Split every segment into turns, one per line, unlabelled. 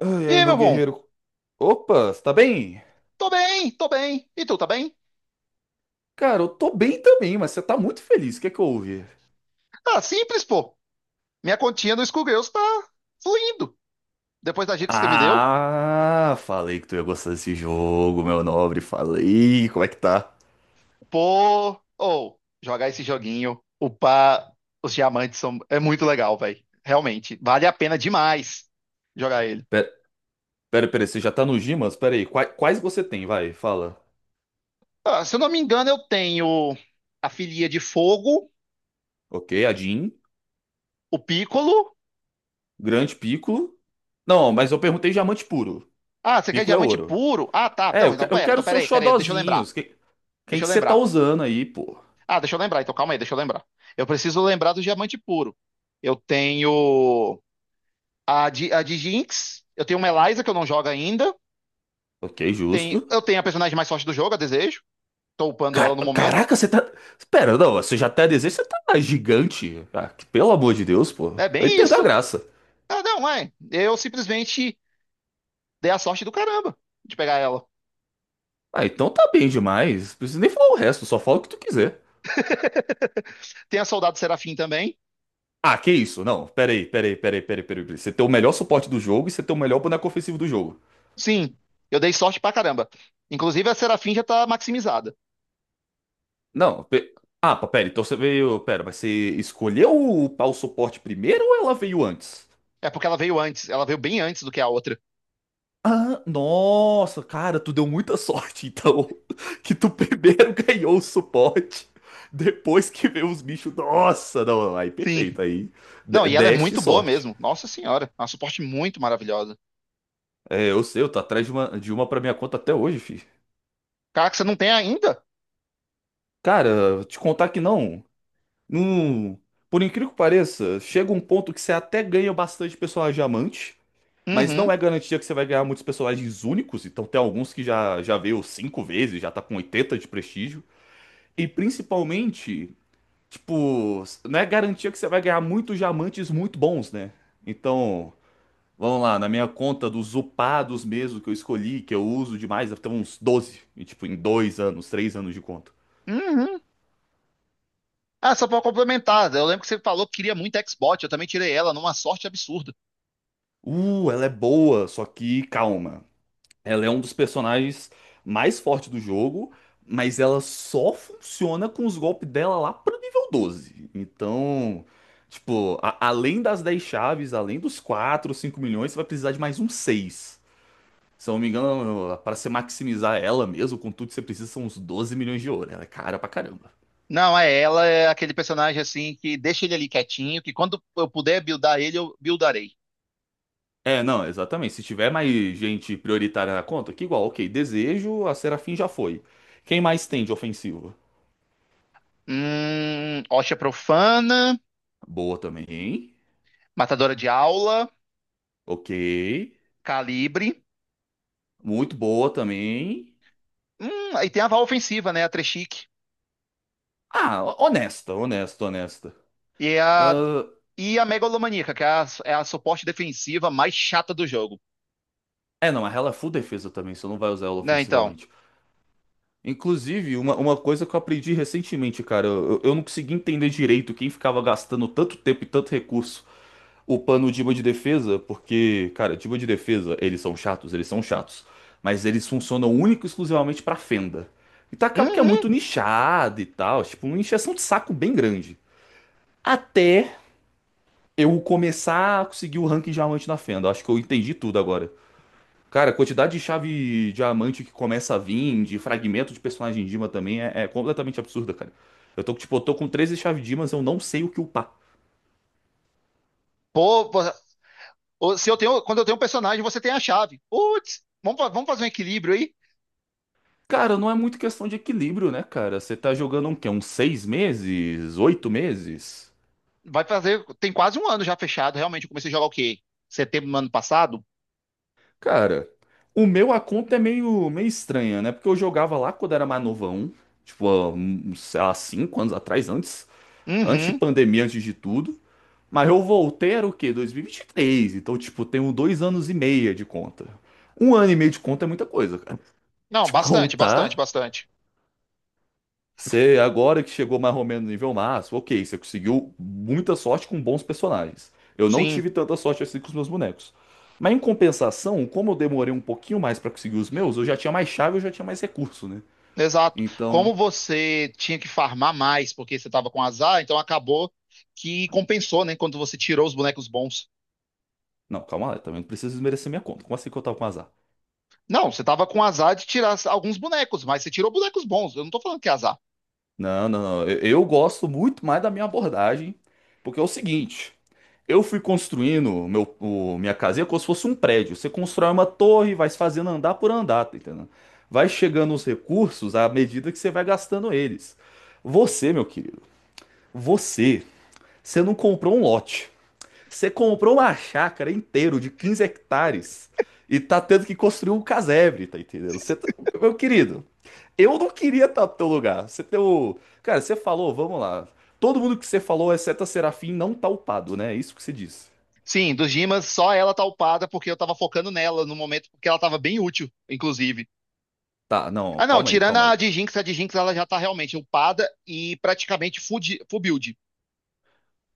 Ai,
E
ai,
aí,
meu
meu bom?
guerreiro. Opa, você tá bem?
Tô bem, tô bem. E tu, tá bem?
Cara, eu tô bem também, mas você tá muito feliz. O que é que houve?
Ah, simples, pô. Minha continha no Skullgirls tá fluindo. Depois das dicas que me deu.
Ah, falei que tu ia gostar desse jogo, meu nobre. Falei. Como é que tá?
Pô, ou jogar esse joguinho, upar os diamantes são, é muito legal, velho. Realmente, vale a pena demais jogar ele.
Pera, pera, pera, você já tá no Gimas? Pera aí. Quais você tem? Vai, fala.
Ah, se eu não me engano, eu tenho a filia de fogo,
Ok, a Jean,
o Piccolo.
Grande Piccolo. Não, mas eu perguntei diamante puro.
Ah, você quer
Piccolo é
diamante
ouro.
puro? Ah, tá.
É,
Não,
eu, que- eu quero
então
seus
pera aí, deixa eu lembrar.
xodozinhos. Quem
Deixa
que
eu
você tá
lembrar.
usando aí, pô?
Ah, deixa eu lembrar, então calma aí, deixa eu lembrar. Eu preciso lembrar do diamante puro. Eu tenho a de Jinx, eu tenho uma Eliza que eu não jogo ainda.
Ok,
Tem,
justo.
eu tenho a personagem mais forte do jogo, a Desejo. Tô upando ela
Car-
no momento.
Caraca, você tá. Pera, não, você já tá desenho, você tá gigante. Ah, pelo amor de Deus, pô.
É
Aí
bem
perdeu a
isso.
graça.
Ah, não, é. Eu simplesmente dei a sorte do caramba de pegar ela.
Ah, então tá bem demais. Não precisa nem falar o resto, só fala o que tu quiser.
Tem a Soldado Serafim também.
Ah, que isso? Não, pera aí, pera aí, pera aí, pera aí, pera aí. Você tem o melhor suporte do jogo e você tem o melhor boneco ofensivo do jogo.
Sim, eu dei sorte pra caramba. Inclusive a Serafim já tá maximizada.
Não. Ah, pá, pera, então você veio. Pera, mas você escolheu upar o suporte primeiro ou ela veio antes?
É porque ela veio antes, ela veio bem antes do que a outra.
Ah, nossa, cara, tu deu muita sorte, então. Que tu primeiro ganhou o suporte, depois que veio os bichos. Nossa, não, aí
Sim.
perfeito, aí.
Não,
de-
e ela é
Deste
muito boa
sorte.
mesmo. Nossa senhora, é uma suporte muito maravilhosa.
É, eu sei, eu tô atrás de uma pra minha conta até hoje, fi.
Cara, que você não tem ainda?
Cara, te contar que não. Não. Por incrível que pareça, chega um ponto que você até ganha bastante personagem diamante, mas não
Uhum,
é garantia que você vai ganhar muitos personagens únicos, então tem alguns que já veio cinco vezes, já tá com 80 de prestígio. E principalmente. Tipo, não é garantia que você vai ganhar muitos diamantes muito bons, né? Então, vamos lá, na minha conta dos upados mesmo que eu escolhi, que eu uso demais, deve ter uns 12 e, tipo, em 2 anos, 3 anos de conta.
uhum. Ah, só pra complementar, eu lembro que você falou que queria muito Xbox, eu também tirei ela numa sorte absurda.
Ela é boa, só que calma. Ela é um dos personagens mais fortes do jogo, mas ela só funciona com os golpes dela lá pro nível 12. Então, tipo, além das 10 chaves, além dos 4, 5 milhões, você vai precisar de mais uns seis. Se eu não me engano, para você maximizar ela mesmo, com tudo que você precisa, são uns 12 milhões de ouro. Ela é cara pra caramba.
Não, é ela, é aquele personagem assim que deixa ele ali quietinho, que quando eu puder buildar ele, eu buildarei.
É, não, exatamente. Se tiver mais gente prioritária na conta, que igual, ok, desejo, a Serafim já foi. Quem mais tem de ofensivo?
Osha Profana,
Boa também.
Matadora de Aula,
Ok.
Calibre.
Muito boa também.
Aí tem a Val Ofensiva, né? A Treshik.
Ah, honesta, honesta, honesta.
E é a,
Ah,
e a Megalomaníaca, é a suporte defensiva mais chata do jogo.
é, não, mas ela é full defesa também, você não vai usar ela
Né, então.
ofensivamente. Inclusive, uma coisa que eu aprendi recentemente, cara, eu não consegui entender direito quem ficava gastando tanto tempo e tanto recurso upando o diba de defesa, porque, cara, diba de defesa, eles são chatos, mas eles funcionam único e exclusivamente pra fenda. Então acaba que é
Uhum.
muito nichado e tal, tipo, uma encheção de saco bem grande. Até eu começar a conseguir o ranking diamante na fenda, acho que eu entendi tudo agora. Cara, a quantidade de chave diamante que começa a vir, de fragmento de personagem Dima também é completamente absurda, cara. Eu tô, tipo, eu tô com 13 chaves Dimas, eu não sei o que upar.
Pô, pô, ô, se eu tenho, quando eu tenho um personagem, você tem a chave. Putz, vamos, vamos fazer um equilíbrio aí.
Cara, não é muito questão de equilíbrio, né, cara? Você tá jogando um quê? Uns 6 meses? 8 meses?
Vai fazer, tem quase um ano já fechado, realmente. Eu comecei a jogar o quê? Setembro do ano passado?
Cara, o meu a conta é meio estranha, né? Porque eu jogava lá quando era mais novão, tipo, há, uns, sei lá, 5 anos atrás, antes de
Uhum.
pandemia, antes de tudo. Mas eu voltei era o quê? 2023. Então, tipo, tenho 2 anos e meio de conta. Um ano e meio de conta é muita coisa, cara.
Não,
De
bastante, bastante,
contar,
bastante.
você agora que chegou mais ou menos no nível máximo, ok, você conseguiu muita sorte com bons personagens. Eu não
Sim,
tive tanta sorte assim com os meus bonecos. Mas em compensação, como eu demorei um pouquinho mais pra conseguir os meus, eu já tinha mais chave, eu já tinha mais recurso, né?
exato.
Então.
Como você tinha que farmar mais porque você tava com azar, então acabou que compensou, né? Quando você tirou os bonecos bons.
Não, calma lá, eu também não preciso desmerecer minha conta. Como assim que eu tava com azar?
Não, você tava com azar de tirar alguns bonecos, mas você tirou bonecos bons. Eu não tô falando que é azar.
Não, não, não. Eu gosto muito mais da minha abordagem, porque é o seguinte: eu fui construindo minha casinha como se fosse um prédio. Você constrói uma torre, vai se fazendo andar por andar, tá entendendo? Vai chegando os recursos à medida que você vai gastando eles. Você, meu querido, você, você não comprou um lote. Você comprou uma chácara inteira de 15 hectares e tá tendo que construir um casebre, tá entendendo? Meu querido, eu não queria estar no teu lugar. Você tem o. Cara, você falou, vamos lá. Todo mundo que você falou, exceto a Serafim, não tá upado, né? É isso que você disse.
Sim, dos Dimas, só ela tá upada porque eu tava focando nela no momento, porque ela tava bem útil, inclusive.
Tá, não,
Ah, não,
calma aí,
tirando
calma aí.
a de Jinx ela já tá realmente upada e praticamente full, full build.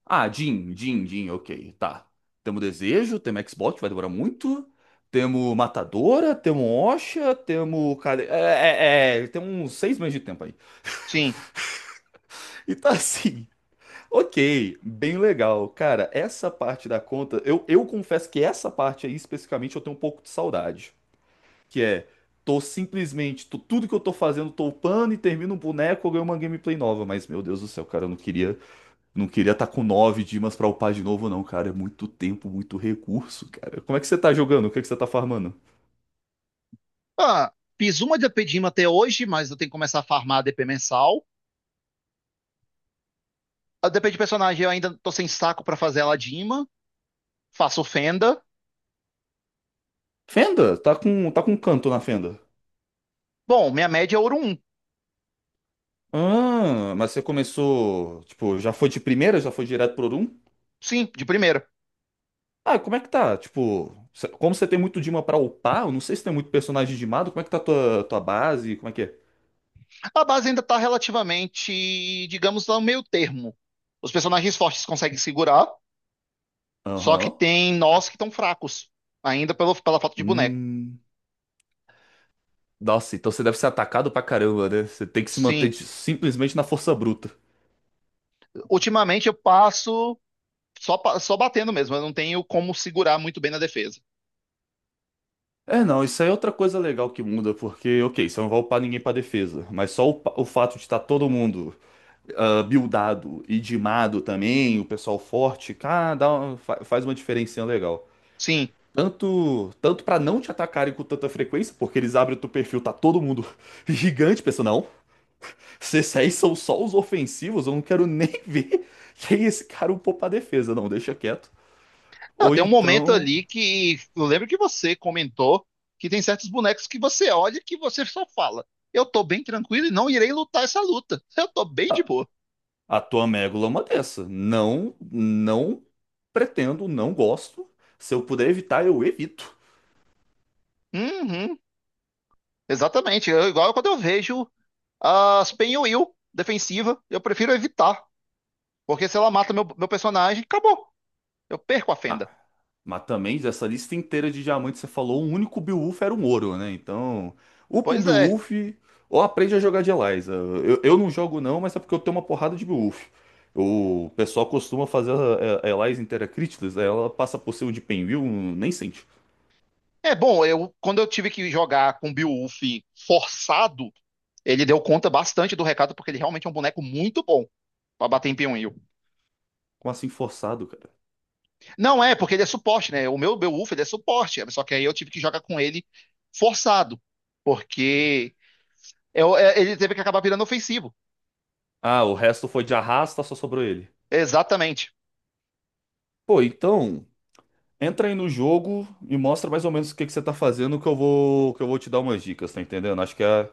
Ah, Jin, Jin, Jin, ok, tá. Temos Desejo, temos Xbox, que vai demorar muito. Temos Matadora, temos Osha, temos. Tem uns 6 meses de tempo aí.
Sim.
E tá assim. Ok, bem legal. Cara, essa parte da conta, eu confesso que essa parte aí especificamente eu tenho um pouco de saudade. Que é, tô simplesmente, tudo que eu tô fazendo, tô upando e termino um boneco, eu ganho uma gameplay nova. Mas, meu Deus do céu, cara, eu não queria tá com 9 dimas pra upar de novo, não, cara. É muito tempo, muito recurso, cara. Como é que você tá jogando? O que é que você tá farmando?
Ah, fiz uma D P de DP até hoje, mas eu tenho que começar a farmar a DP mensal. A DP de personagem eu ainda tô sem saco pra fazer ela de ima. Faço Fenda.
Fenda? Tá com canto na Fenda.
Bom, minha média é ouro um.
Ah, mas você começou, tipo, já foi de primeira, já foi direto pro
Sim, de primeira.
Ah, como é que tá? Tipo, como você tem muito Dima pra upar, eu não sei se tem muito personagem dimado, como é que tá tua base? Como é que é?
A base ainda tá relativamente, digamos, no meio termo. Os personagens fortes conseguem segurar. Só que
Aham.
tem nós que estão fracos, ainda pelo, pela falta de boneco.
Hum. Nossa, então você deve ser atacado pra caramba, né? Você tem que se manter
Sim,
simplesmente na força bruta.
ultimamente eu passo só, só batendo mesmo, eu não tenho como segurar muito bem na defesa.
É, não, isso aí é outra coisa legal que muda, porque, ok, você não vai upar ninguém pra defesa, mas só o fato de estar todo mundo buildado e dimado também, o pessoal forte, cara, dá faz uma diferencinha legal.
Sim.
Tanto, tanto para não te atacarem com tanta frequência, porque eles abrem o teu perfil, tá todo mundo gigante, pensa, não, se esses aí são só os ofensivos, eu não quero nem ver quem é esse cara upou pra defesa, não, deixa quieto.
Ah,
Ou
tem um momento
então,
ali que eu lembro que você comentou que tem certos bonecos que você olha que você só fala: eu tô bem tranquilo e não irei lutar essa luta, eu tô bem de
a,
boa.
a tua amígdala é uma dessa. Não, não pretendo, não gosto. Se eu puder evitar, eu evito.
Uhum, exatamente. Igual quando eu vejo as Penhuil defensiva, eu prefiro evitar, porque se ela mata meu personagem, acabou, eu perco a
Ah,
fenda.
mas também dessa lista inteira de diamantes, você falou, o único Beowulf era um ouro, né? Então, upa um
Pois é.
Beowulf ou aprende a jogar de Eliza. Eu não jogo não, mas é porque eu tenho uma porrada de Beowulf. O pessoal costuma fazer a Eliza inteira críticas, aí ela passa por cima de Penwheel, nem sente.
É bom, eu quando eu tive que jogar com o Beowulf forçado, ele deu conta bastante do recado, porque ele realmente é um boneco muito bom pra bater em Pinwheel.
Como assim forçado, cara?
Não é, porque ele é suporte, né? O meu Beowulf, ele é suporte, só que aí eu tive que jogar com ele forçado, porque ele teve que acabar virando ofensivo.
Ah, o resto foi de arrasta, só sobrou ele.
Exatamente.
Pô, então, entra aí no jogo e mostra mais ou menos o que que você tá fazendo que que eu vou te dar umas dicas, tá entendendo? Acho que é,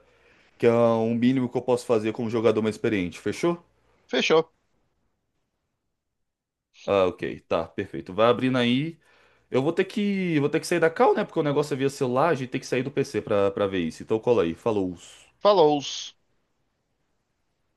Que é um mínimo que eu posso fazer como jogador mais experiente, fechou?
Fechou.
Ah, ok, tá, perfeito. Vai abrindo aí. Eu vou ter que sair da call, né? Porque o negócio é via celular, a gente tem que sair do PC pra ver isso. Então cola aí, falou.
Falou.